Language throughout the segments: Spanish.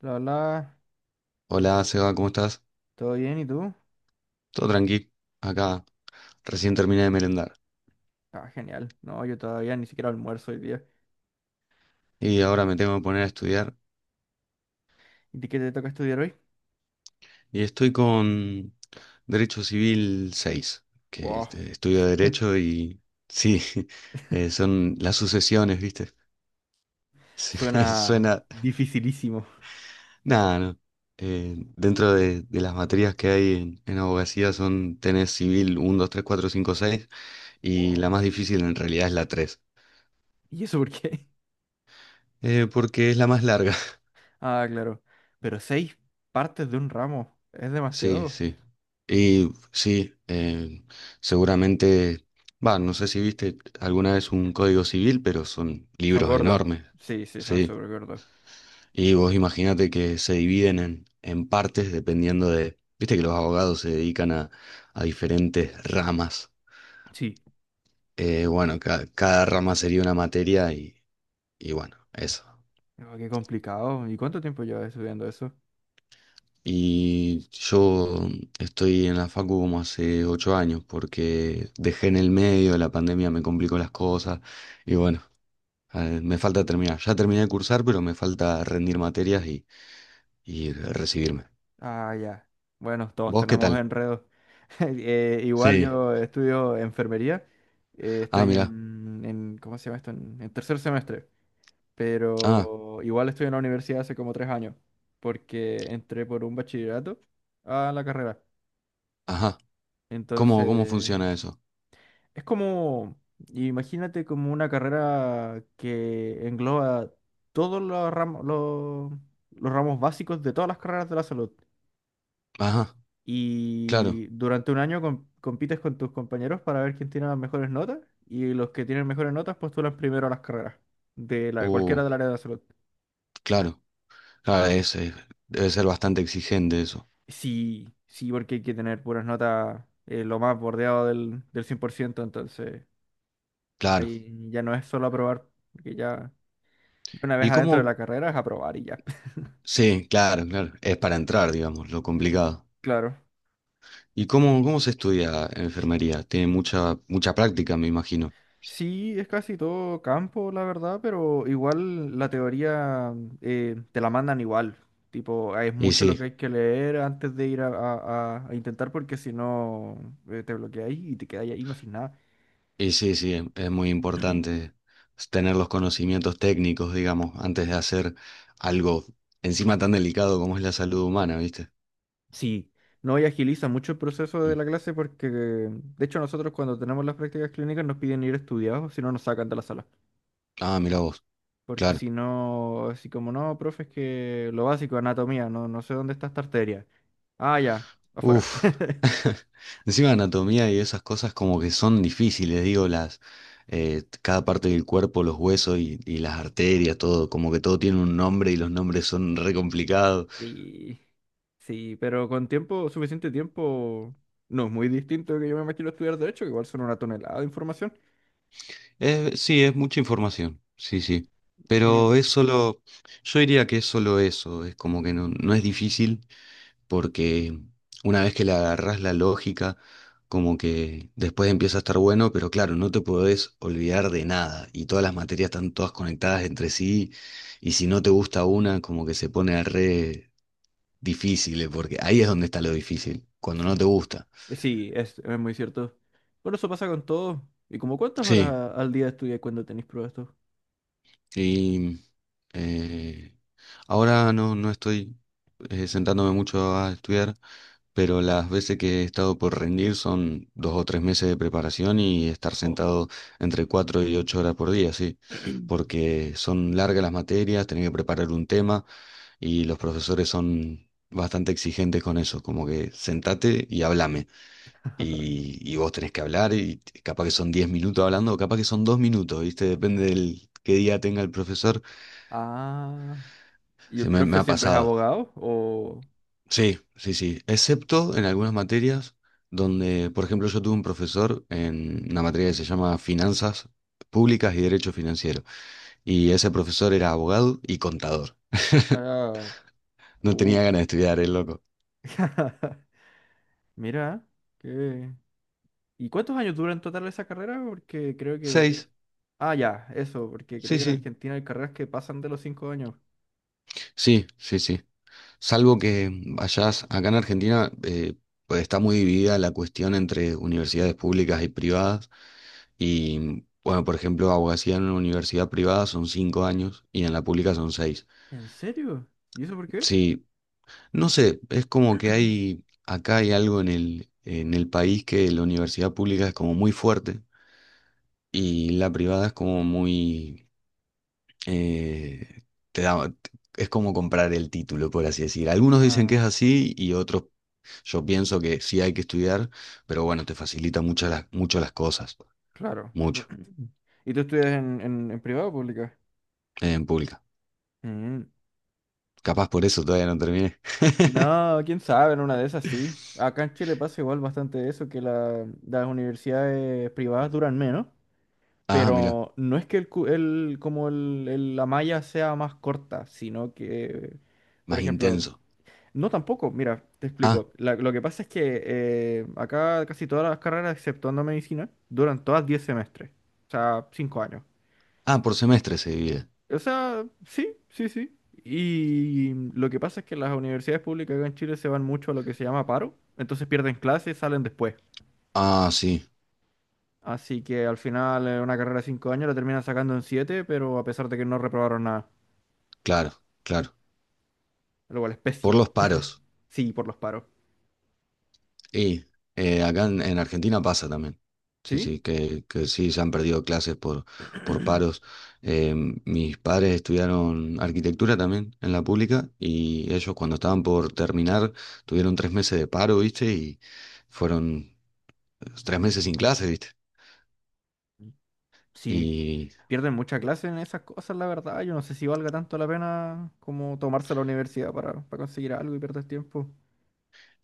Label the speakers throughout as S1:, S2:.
S1: Hola, hola,
S2: Hola, Seba, ¿cómo estás?
S1: ¿todo bien? ¿Y tú?
S2: Todo tranqui. Acá recién terminé de merendar
S1: Ah, genial. No, yo todavía ni siquiera almuerzo hoy día.
S2: y ahora me tengo que poner a estudiar.
S1: ¿Y ti qué te toca estudiar hoy?
S2: Y estoy con Derecho Civil 6, que
S1: Wow.
S2: estudio Derecho y sí, son las sucesiones, ¿viste? Sí,
S1: Suena
S2: Suena...
S1: dificilísimo.
S2: Nada, no. Dentro de las materias que hay en abogacía son tenés civil uno, 2, 3, 4, 5, 6 y la
S1: Wow.
S2: más difícil en realidad es la 3,
S1: ¿Y eso por qué?
S2: porque es la más larga.
S1: Ah, claro. Pero seis partes de un ramo. Es
S2: Sí,
S1: demasiado.
S2: sí. Y sí, seguramente, va, no sé si viste alguna vez un código civil, pero son
S1: Son
S2: libros
S1: gordos.
S2: enormes,
S1: Sí, sí, son
S2: sí.
S1: súper gordos.
S2: Y vos imaginate que se dividen en partes dependiendo de, viste que los abogados se dedican a diferentes ramas.
S1: Sí.
S2: Bueno, cada rama sería una materia y bueno, eso.
S1: No, qué complicado. ¿Y cuánto tiempo llevas estudiando eso?
S2: Y yo estoy en la facu como hace 8 años, porque dejé en el medio, la pandemia me complicó las cosas, y bueno, me falta terminar. Ya terminé de cursar, pero me falta rendir materias y recibirme.
S1: Ah, ya. Bueno, todos
S2: ¿Vos qué
S1: tenemos
S2: tal?
S1: enredos. Igual
S2: Sí.
S1: yo estudio enfermería. eh,
S2: Ah,
S1: estoy
S2: mirá.
S1: ¿cómo se llama esto? En tercer semestre.
S2: Ah,
S1: Pero igual estoy en la universidad hace como 3 años. Porque entré por un bachillerato a la carrera.
S2: ajá. ¿Cómo
S1: Entonces,
S2: funciona eso?
S1: es como, imagínate como una carrera que engloba todos los ramos, los ramos básicos de todas las carreras de la salud.
S2: Ajá, claro.
S1: Y durante un año compites con tus compañeros para ver quién tiene las mejores notas. Y los que tienen mejores notas postulan primero a las carreras de
S2: Uh,
S1: cualquiera del área de la salud.
S2: claro. Claro, debe ser bastante exigente eso.
S1: Sí, sí, porque hay que tener puras notas lo más bordeado del 100%. Entonces,
S2: Claro.
S1: ahí ya no es solo aprobar, porque ya una vez
S2: ¿Y
S1: adentro de
S2: cómo?
S1: la carrera es aprobar y ya.
S2: Sí, claro, claro. Es para entrar, digamos, lo complicado.
S1: Claro.
S2: ¿Y cómo se estudia enfermería? Tiene mucha, mucha práctica, me imagino.
S1: Sí, es casi todo campo, la verdad, pero igual la teoría te la mandan igual. Tipo, es
S2: Y
S1: mucho lo
S2: sí,
S1: que hay que leer antes de ir a intentar porque si no te bloqueáis y te quedáis ahí no sin nada.
S2: y sí, sí, es muy importante tener los conocimientos técnicos, digamos, antes de hacer algo encima tan delicado como es la salud humana, ¿viste?
S1: Sí, no, y agiliza mucho el proceso de
S2: Mm.
S1: la clase porque, de hecho, nosotros cuando tenemos las prácticas clínicas nos piden ir estudiados, si no nos sacan de la sala.
S2: Ah, mira vos,
S1: Porque
S2: claro.
S1: si no, así como no, profe, es que lo básico, anatomía, no sé dónde está esta arteria. Ah, ya, afuera.
S2: Uf. Encima anatomía y esas cosas como que son difíciles, digo, las cada parte del cuerpo, los huesos y las arterias, todo, como que todo tiene un nombre y los nombres son re complicados.
S1: Sí, sí, pero con tiempo, suficiente tiempo, no es muy distinto de que yo me imagino estudiar derecho, que igual son una tonelada de información.
S2: Sí, es mucha información, sí, sí.
S1: I
S2: Pero
S1: mean,
S2: es solo, yo diría que es solo eso, es como que no, no es difícil porque una vez que le agarrás la lógica, como que después empieza a estar bueno, pero claro, no te podés olvidar de nada y todas las materias están todas conectadas entre sí y si no te gusta una, como que se pone re difícil, porque ahí es donde está lo difícil, cuando no
S1: sí,
S2: te gusta.
S1: sí, es muy cierto. Bueno, eso pasa con todo. ¿Y como cuántas horas
S2: Sí.
S1: al día estudias cuando tenéis pruebas tú?
S2: Y eh, ahora no estoy sentándome mucho a estudiar, pero las veces que he estado por rendir son 2 o 3 meses de preparación y estar
S1: Jo.
S2: sentado entre 4 y 8 horas por día, sí, porque son largas las materias, tenés que preparar un tema y los profesores son bastante exigentes con eso, como que sentate y hablame. Y vos tenés que hablar y capaz que son 10 minutos hablando, o capaz que son 2 minutos, ¿viste? Depende del qué día tenga el profesor.
S1: Ah, ¿y
S2: Se
S1: el
S2: me
S1: profe
S2: ha
S1: siempre es
S2: pasado.
S1: abogado? O...
S2: Sí, sí, sí. Excepto en algunas materias donde, por ejemplo, yo tuve un profesor en una materia que se llama Finanzas Públicas y Derecho Financiero. Y ese profesor era abogado y contador.
S1: Ah,
S2: No
S1: uh.
S2: tenía ganas de estudiar, el loco.
S1: Mira, qué, ¿y cuántos años dura en total esa carrera? Porque creo que de...
S2: Seis.
S1: Ah, ya, eso, porque creo
S2: Sí,
S1: que en
S2: sí.
S1: Argentina hay carreras que pasan de los 5 años.
S2: Sí, sí, sí. Salvo que vayas acá en Argentina, pues está muy dividida la cuestión entre universidades públicas y privadas. Y bueno, por ejemplo, abogacía en una universidad privada son 5 años y en la pública son seis.
S1: ¿En serio? ¿Y eso por qué?
S2: Sí, no sé, es como que acá hay algo en el país que la universidad pública es como muy fuerte y la privada es como eh, te da, es como comprar el título, por así decir. Algunos dicen que es
S1: Ah,
S2: así y otros, yo pienso que sí hay que estudiar, pero bueno, te facilita mucho las, cosas,
S1: claro.
S2: mucho,
S1: ¿Y tú estudias en privado o pública?
S2: en pública.
S1: Mm.
S2: Capaz por eso todavía no terminé.
S1: No, quién sabe, en una de esas sí. Acá en Chile pasa igual bastante eso, que las universidades privadas duran menos,
S2: Ah, mira.
S1: pero no es que el, cu- el- como el- la malla sea más corta, sino que, por
S2: Más
S1: ejemplo,
S2: intenso.
S1: no, tampoco. Mira, te
S2: Ah,
S1: explico. Lo que pasa es que acá casi todas las carreras, exceptuando medicina, duran todas 10 semestres. O sea, 5 años.
S2: ah, por semestre se divide.
S1: O sea, sí, sí, sí. Y lo que pasa es que las universidades públicas acá en Chile se van mucho a lo que se llama paro. Entonces pierden clases, salen después.
S2: Ah, sí,
S1: Así que al final una carrera de 5 años la terminan sacando en 7, pero a pesar de que no reprobaron nada.
S2: claro, claro.
S1: Lo cual es
S2: Por
S1: pésimo.
S2: los paros.
S1: Sí, por los paros.
S2: Y acá en Argentina pasa también. Sí,
S1: ¿Sí?
S2: sí, que sí, se han perdido clases por paros. Eh, mis padres estudiaron arquitectura también en la pública y ellos cuando estaban por terminar tuvieron 3 meses de paro, ¿viste? Y fueron 3 meses sin clases, ¿viste?
S1: Sí. Pierden mucha clase en esas cosas, la verdad. Yo no sé si valga tanto la pena como tomarse la universidad para conseguir algo y perder tiempo.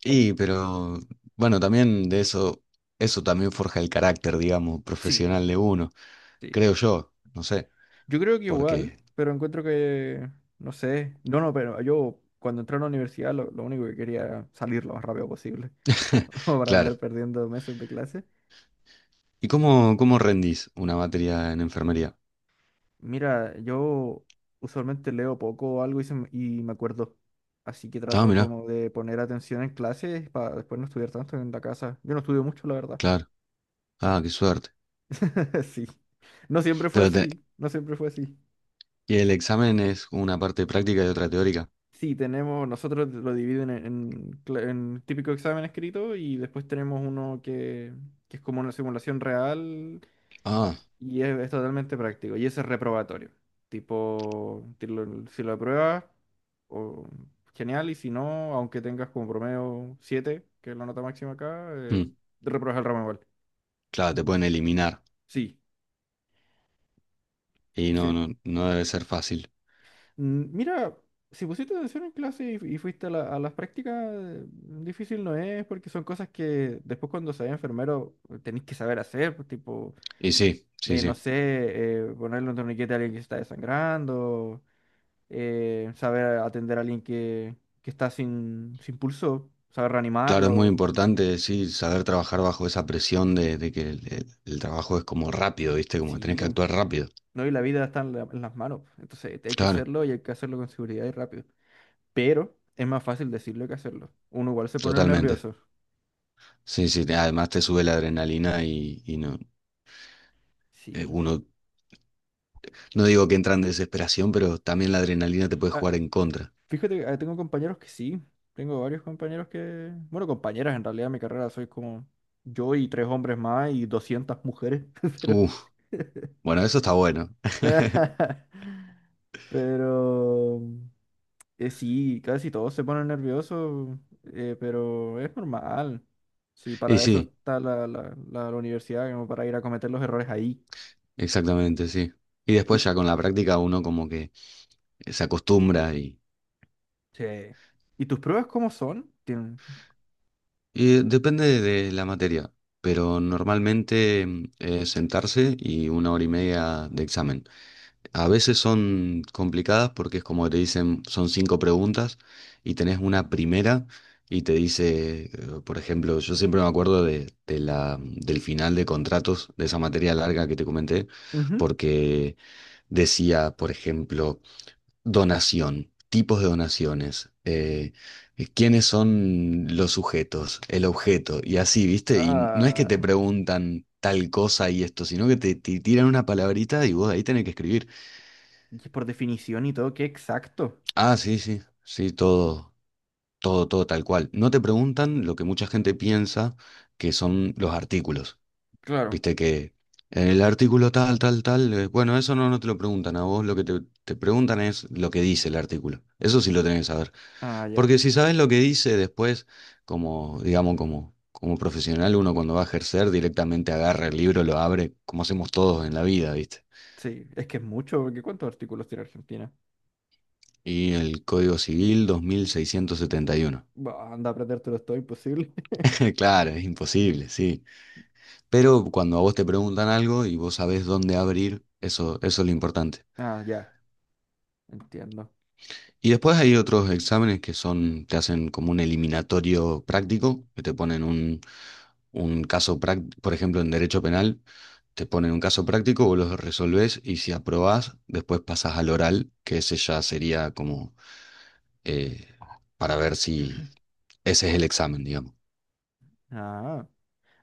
S2: Pero bueno, también de eso, eso también forja el carácter, digamos,
S1: Sí.
S2: profesional de uno,
S1: Sí.
S2: creo yo, no sé,
S1: Yo creo que igual,
S2: porque,
S1: pero encuentro que, no sé, no, no, pero yo cuando entré a la universidad lo único que quería era salir lo más rápido posible, como como para
S2: claro.
S1: andar perdiendo meses de clase.
S2: ¿Y cómo rendís una materia en enfermería?
S1: Mira, yo usualmente leo poco o algo y, y me acuerdo, así que
S2: Ah,
S1: trato
S2: mirá,
S1: como de poner atención en clases para después no estudiar tanto en la casa. Yo no estudio mucho, la verdad.
S2: claro. Ah, qué suerte.
S1: Sí. No siempre fue
S2: Pero te-
S1: así, no siempre fue así.
S2: y el examen es una parte práctica y otra teórica.
S1: Sí, tenemos, nosotros lo dividen en típico examen escrito y después tenemos uno que es como una simulación real
S2: Ah,
S1: y es totalmente práctico y ese es reprobatorio. Tipo, si lo apruebas, o- genial y si no, aunque tengas como promedio 7, que es la nota máxima acá,
S2: mm,
S1: repruebas el ramo igual.
S2: claro, te pueden eliminar. Y no,
S1: Sí.
S2: no, no debe ser fácil.
S1: Mira, si pusiste atención en clase y fuiste a las prácticas, difícil no es, porque son cosas que después cuando seas enfermero tenés que saber hacer, pues, tipo,
S2: Y sí, sí, sí.
S1: no sé, ponerle un torniquete a alguien que se está desangrando, saber atender a alguien que está sin pulso, saber
S2: Claro, es muy
S1: reanimarlo,
S2: importante, sí, saber trabajar bajo esa presión de que el trabajo es como rápido, ¿viste? Como que tenés
S1: sí,
S2: que
S1: po,
S2: actuar rápido.
S1: ¿no? Y la vida está en las manos, po. Entonces hay que
S2: Claro,
S1: hacerlo y hay que hacerlo con seguridad y rápido, pero es más fácil decirlo que hacerlo, uno igual se pone
S2: totalmente.
S1: nervioso,
S2: Sí, sí, además te sube la adrenalina y no,
S1: sí.
S2: uno, no digo que entra en desesperación, pero también la adrenalina te puede
S1: Ah,
S2: jugar en contra.
S1: fíjate, que, tengo compañeros que sí, tengo varios compañeros que, bueno, compañeras en realidad, mi carrera soy como yo y tres hombres más y 200 mujeres, pero...
S2: Uf, bueno, eso está bueno.
S1: Pero sí, casi todos se ponen nerviosos, pero es normal. Sí,
S2: Y
S1: para eso
S2: sí,
S1: está la universidad, como para ir a cometer los errores ahí.
S2: exactamente, sí. Y
S1: Y,
S2: después ya con la práctica uno como que se acostumbra.
S1: sí. ¿Y tus pruebas cómo son?
S2: Depende de la materia, pero normalmente sentarse y una hora y media de examen. A veces son complicadas porque es como te dicen, son cinco preguntas y tenés una primera y te dice, por ejemplo, yo siempre me acuerdo del final de contratos, de esa materia larga que te comenté,
S1: Ujú.
S2: porque decía, por ejemplo, donación, tipos de donaciones, quiénes son los sujetos, el objeto, y así, ¿viste? Y no es que te
S1: Ah,
S2: preguntan tal cosa y esto, sino que te tiran una palabrita y vos ahí tenés que escribir.
S1: y por definición y todo, qué exacto.
S2: Ah, sí, sí, sí, todo, todo, todo tal cual. No te preguntan lo que mucha gente piensa que son los artículos,
S1: Claro.
S2: ¿viste? Que en el artículo tal, tal, tal, bueno, eso no te lo preguntan a vos, lo que te preguntan es lo que dice el artículo. Eso sí lo tenés que saber.
S1: Ah, ya.
S2: Porque si sabes lo que dice después, como, digamos, como profesional, uno cuando va a ejercer directamente agarra el libro, lo abre, como hacemos todos en la vida, ¿viste?
S1: Sí, es que es mucho, porque ¿cuántos artículos tiene Argentina?
S2: Y el Código Civil 2671.
S1: Bah, anda a aprendértelo, todo imposible.
S2: Claro, es imposible, sí. Pero cuando a vos te preguntan algo y vos sabés dónde abrir, eso es lo importante.
S1: Ah, ya, entiendo.
S2: Y después hay otros exámenes que son, te hacen como un eliminatorio práctico, que te ponen un caso práctico, por ejemplo, en derecho penal, te ponen un caso práctico, vos lo resolvés y si aprobás, después pasás al oral, que ese ya sería como eh, para ver si ese es el examen, digamos.
S1: Ah,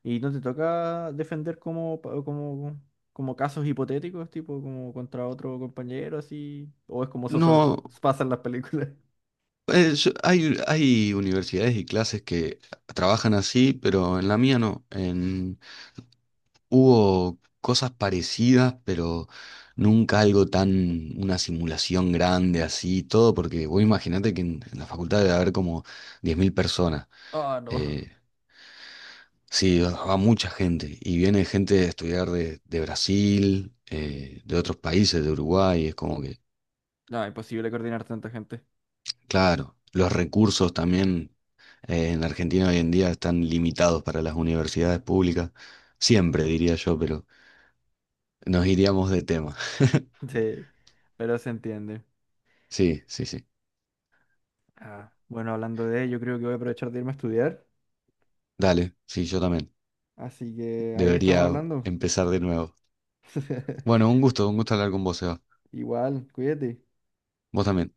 S1: ¿y no te toca defender como casos hipotéticos, tipo como contra otro compañero, así? ¿O es como eso solo
S2: No,
S1: pasa en las películas?
S2: hay universidades y clases que trabajan así, pero en la mía no. Hubo cosas parecidas, pero nunca algo tan, una simulación grande así, todo, porque vos imaginate que en la facultad debe haber como 10.000 personas.
S1: Ah, no.
S2: Eh, sí, va mucha gente. Y viene gente a estudiar de Brasil, de otros países, de Uruguay. Es como que,
S1: No, imposible coordinar tanta gente.
S2: claro, los recursos también en Argentina hoy en día están limitados para las universidades públicas. Siempre, diría yo, pero nos iríamos de tema.
S1: Sí, pero se entiende.
S2: Sí, sí, sí.
S1: Ah, bueno, hablando de ello, creo que voy a aprovechar de irme a estudiar.
S2: Dale, sí, yo también.
S1: Así que ahí estamos
S2: Debería
S1: hablando.
S2: empezar de nuevo. Bueno, un gusto hablar con vos, Seba.
S1: Igual, cuídate.
S2: Vos también.